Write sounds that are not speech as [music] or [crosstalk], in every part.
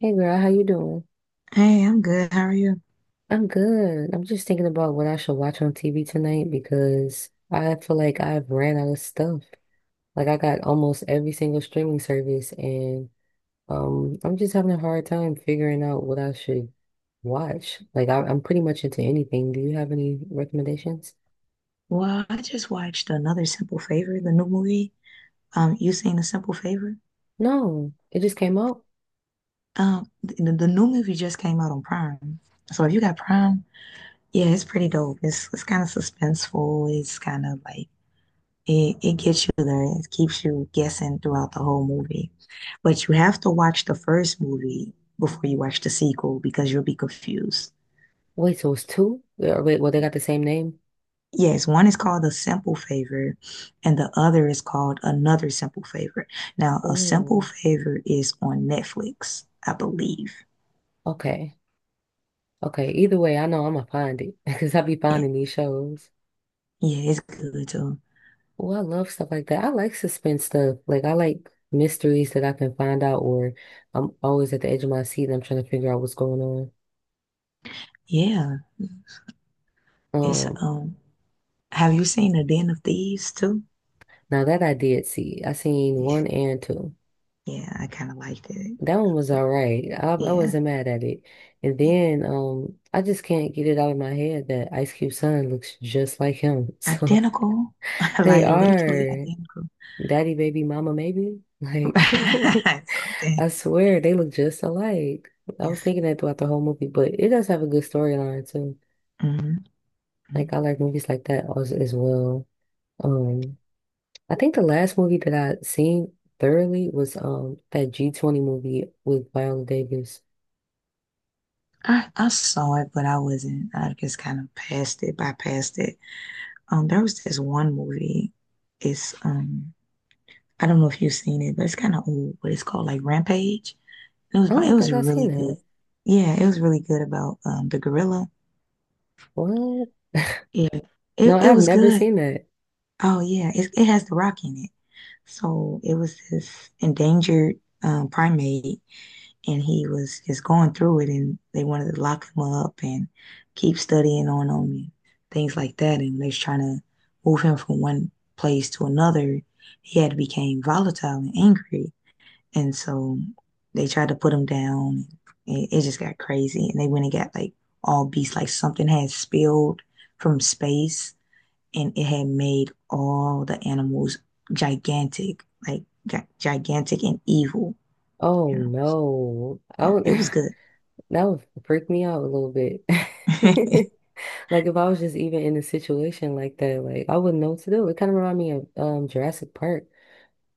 Hey girl, how you doing? Hey, I'm good. How are you? I'm good. I'm just thinking about what I should watch on TV tonight because I feel like I've ran out of stuff. Like I got almost every single streaming service and I'm just having a hard time figuring out what I should watch. Like I'm pretty much into anything. Do you have any recommendations? Well, I just watched another Simple Favor, the new movie. You seen the Simple Favor? No, it just came out. The new movie just came out on Prime. So if you got Prime, yeah, it's pretty dope. It's kind of suspenseful. It's kind of like it gets you there. It keeps you guessing throughout the whole movie. But you have to watch the first movie before you watch the sequel because you'll be confused. Wait, so it's two? Yeah, wait, well they got the same name? Yes, one is called a simple favor, and the other is called another simple favor. Now, a simple Oh, favor is on Netflix, I believe. okay. Okay. Either way, I know I'm gonna find it [laughs] because I be Yeah, finding these shows. yeah, it's good too. Oh, I love stuff like that. I like suspense stuff. Like I like mysteries that I can find out, or I'm always at the edge of my seat and I'm trying to figure out what's going Yeah, on. it's um. Have you seen The Den of Thieves too? Now that I did see, I seen Yeah, one and two. yeah, I kind of liked it. That one was all right. I Yeah, wasn't mad at it. And yeah, then I just can't get it out of my head that Ice Cube son looks just like him. [laughs] So identical, [laughs] they like literally are. identical. Daddy, baby, mama, maybe. Like, [laughs] [laughs] Something. I swear they look just alike. I was Yes. thinking that throughout the whole movie, but it does have a good storyline too. Mhm, Like, mhm. I like movies like that as well. Um, I think the last movie that I seen thoroughly was that G20 movie with Viola Davis. I saw it, but I wasn't. I just kind of bypassed it. There was this one movie. It's I don't know if you've seen it, but it's kind of old. But it's called like Rampage. It was I it don't was think I've seen really good. that. Yeah, it was really good about the gorilla. What? Yeah, No, it I've was never good. seen that. Oh yeah, it has The Rock in it. So it was this endangered primate, and he was just going through it, and they wanted to lock him up and keep studying on him and things like that. And they was trying to move him from one place to another. He had became volatile and angry, and so they tried to put him down. It just got crazy, and they went and got like all beasts, like something had spilled from space, and it had made all the animals gigantic, like gigantic and evil, Oh you know no, I yeah, would it was good. [laughs] that would freak me out a little bit. [laughs] [laughs] Like if I was just even in a situation like that, like I wouldn't know what to do. It kind of reminded me of Jurassic Park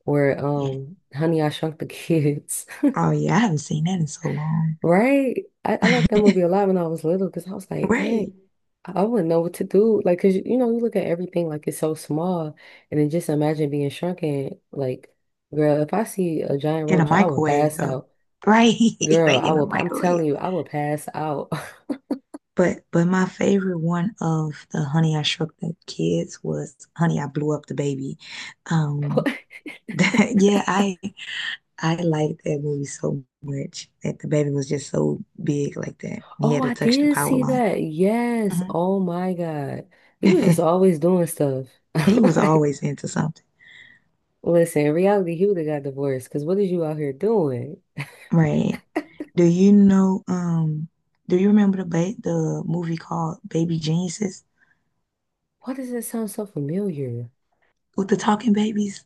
or Yeah. Honey, I Shrunk the Kids, Oh yeah, I haven't seen that in so long. [laughs] right? I liked that movie a lot when I was little because I was like, dang, Right. I wouldn't know what to do. Like, cause you look at everything like it's so small, and then just imagine being shrunken. Like, girl, if I see a giant In a roach, I would microwave pass though. out. Right. [laughs] Girl, Like I in a will. I'm microwave. telling you, I will pass out. But my favorite one of the Honey I Shrunk the Kids was Honey I Blew Up the Baby. Um [laughs] [laughs] yeah, I liked that movie so much, that the baby was just so big like that. He Oh, had to I touch the did power see line. that. Yes. Mhm. Oh my God. He was just [laughs] always doing stuff. He [laughs] was Like, always into something. listen, in reality, he would have got divorced because what is you out here doing? Right. Do you know, do you remember the movie called Baby Geniuses Why does that sound so familiar? with the talking babies?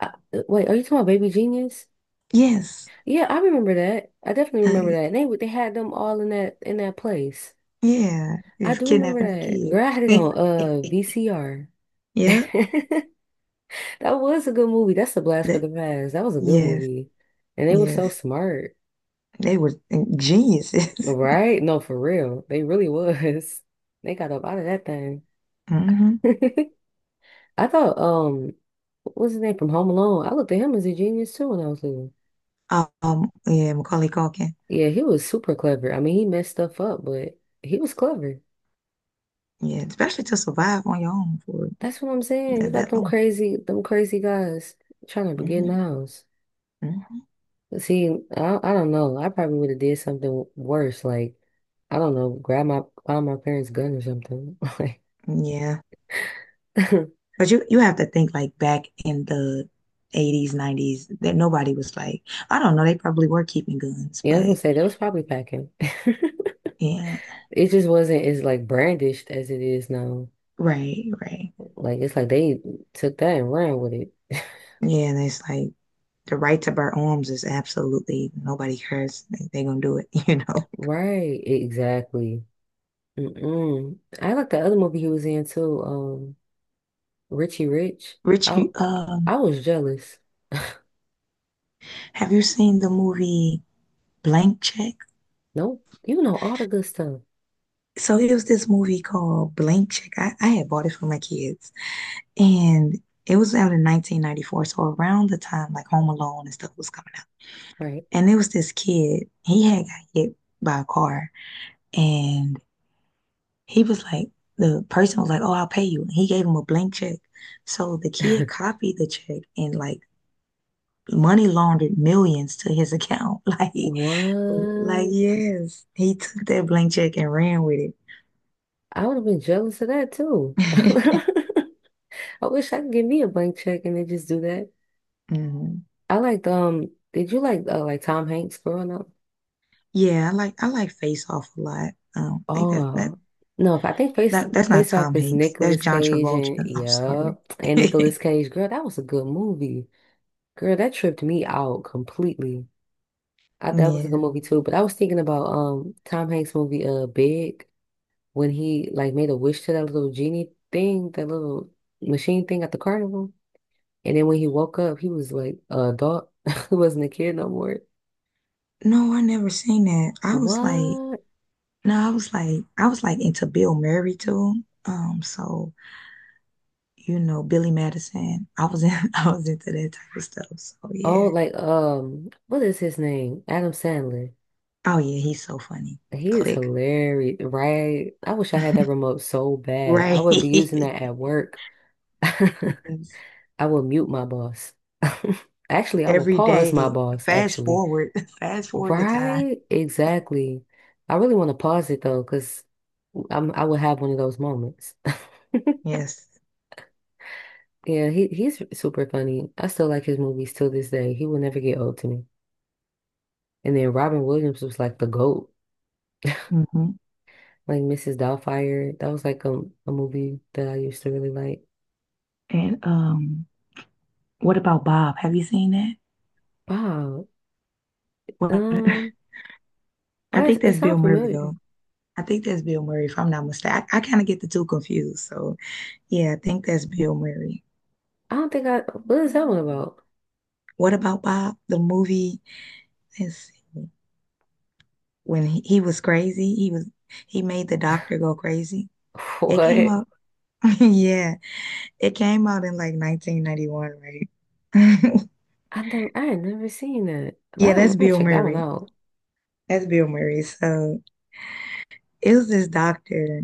I, wait, are you talking about Baby Genius? Yes. Yeah, I remember that. I definitely remember Uh, that. And they had them all in that place. yeah, I it's do remember kidnapping that. a Girl, I had it kid. on [laughs] VCR. Yeah, [laughs] That was a good movie. That's a blast for that, the past. That was a good yes, movie. And they were so yes. smart. They were geniuses. Right? No, for real. They really was. [laughs] They got up out of that thing. [laughs] hmm [laughs] I thought, what's his name from Home Alone? I looked at him as a genius too when I was little. Yeah, Macaulay Culkin. Yeah, he was super clever. I mean, he messed stuff up, but he was clever. Yeah, especially to survive on your own for That's what I'm saying. You got that long. Them crazy guys trying to get in the Hmm house. hmm See, I don't know. I probably would have did something worse, like I don't know, grab my find my parents' gun or something. [laughs] Like, Yeah. [laughs] But you have to think like back in the 80s, 90s, that nobody was like, I don't know, they probably were keeping guns, yeah, I was gonna but say that was probably packing. [laughs] yeah, It just wasn't as like brandished as it is now. right, right. Like it's like they took that and ran with it. Yeah, and it's like the right to bear arms is absolutely nobody cares. They gonna do it, [laughs] you know. Right, exactly. Mm-mm. I like the other movie he was in too, Richie Rich. I Richie, I was jealous. [laughs] have you seen the movie Blank Check? Nope, you know all the good stuff, So it was this movie called Blank Check. I had bought it for my kids, and it was out in 1994. So around the time like Home Alone and stuff was coming. right? And there was this kid, he had got hit by a car. And he was like, the person was like, oh, I'll pay you. And he gave him a blank check. So the kid [laughs] copied the check and like money laundered millions to his account. [laughs] Like What? yes, he took that blank check and ran with I would have been jealous of that too. [laughs] it. [laughs] I wish I could give me a blank check and then just do that. Mhm. I liked Did you like Tom Hanks growing up? Yeah, I like Face Off a lot. Um, I think that that, Oh no, I think that that's not Face Off Tom is Hanks. That's Nicolas John Cage Travolta. and I'm yeah, sorry. and Nicolas [laughs] Cage. Girl, that was a good movie. Girl, that tripped me out completely. I, that was a good Yeah. movie too. But I was thinking about Tom Hanks movie Big when he like made a wish to that little genie thing, that little machine thing at the carnival. And then when he woke up, he was like a adult. [laughs] He wasn't a kid no more. No, I never seen that. I was like, What? no, I was like into Bill Murray too. So you know, Billy Madison. [laughs] I was into that type of stuff. So Oh, yeah. like what is his name? Adam Sandler. Oh yeah, he's so funny. He is Click. hilarious, right? I wish I had that [laughs] remote so bad. I Right. would be using that [laughs] at work. [laughs] I Yes. will mute my boss. [laughs] Actually, I will Every pause my day. boss, Fast actually. forward. [laughs] Fast forward the time. Right? Exactly. I really want to pause it though, because I will have one of those moments. [laughs] Yes. Yeah, he's super funny. I still like his movies till this day. He will never get old to me. And then Robin Williams was like the GOAT. hmm Like Mrs. Doubtfire. That was like a movie that I used to really like. And what about Bob? Have you seen that? Wow. What? [laughs] Um, I why is think it that's Bill sounds Murray familiar? though. I think that's Bill Murray, if I'm not mistaken. I kind of get the two confused. So yeah, I think that's Bill Murray. I don't think I What is that one about? What about Bob? The movie, let's see, when he was crazy, he made the doctor go crazy. [laughs] It came What? out, [laughs] yeah, it came out in like 1991, right? [laughs] I had never seen that. But Yeah, I'm that's gonna Bill check that one Murray. out. That's Bill Murray. So it was this doctor,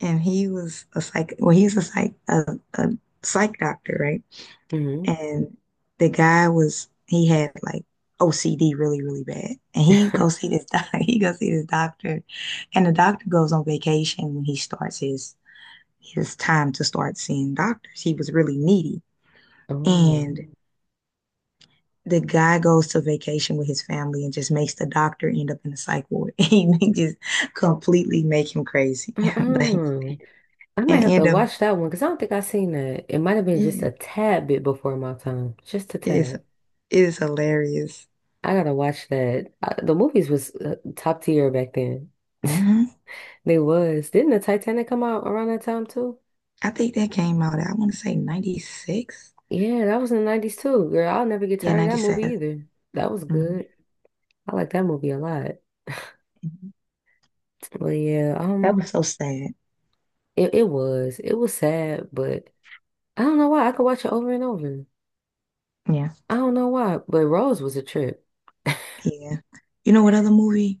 and he was a psych. Well, he's a psych doctor, right? Hmm And the guy was, he had like OCD really, really bad. And he [laughs] go see this [laughs] doc, he go see this doctor. And the doctor goes on vacation when he starts his time to start seeing doctors. He was really needy. Oh. And the guy goes to vacation with his family and just makes the doctor end up in the psych ward. [laughs] He just completely make him crazy. [laughs] like Uh-uh. I might and have to end up watch that one because I don't think I seen that. It might have been just yeah, a tad bit before my time. Just a it's tad. it's hilarious. I gotta watch that. The movies was top tier back then. [laughs] Mhm. They was. Didn't the Titanic come out around that time too? I think that came out, I want to say 96. Yeah, that was in the 90s too, girl. I'll never get Yeah, tired of that movie 97. either. That was Mhm. good. I like that movie a lot. Mhm. But yeah, That was so sad. it, it was. It was sad, but I don't know why. I could watch it over and over. Yeah. I don't know why, but Rose was a trip. Yeah. You know what other movie?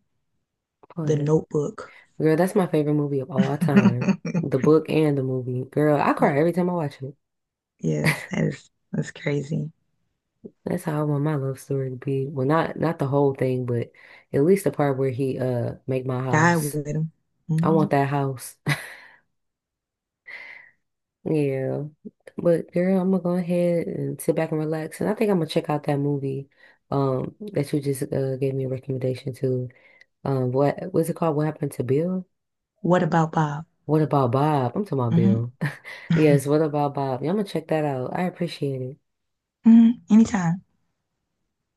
The But Notebook. girl, that's my favorite movie of all time. The [laughs] book and the movie. Girl, I cry every Yeah. time I watch it. That's crazy. That's how I want my love story to be. Well, not the whole thing, but at least the part where he make my Died house. with him. I want Mhm. that house. Yeah. But girl, I'm gonna go ahead and sit back and relax. And I think I'm gonna check out that movie that you just gave me a recommendation to. What was it called? What happened to Bill? What about Bob? What about Bob? I'm talking about Hmm Bill. [laughs] [laughs] Yes, what about Bob? Yeah, I'm gonna check that out. I appreciate it. hmm Anytime.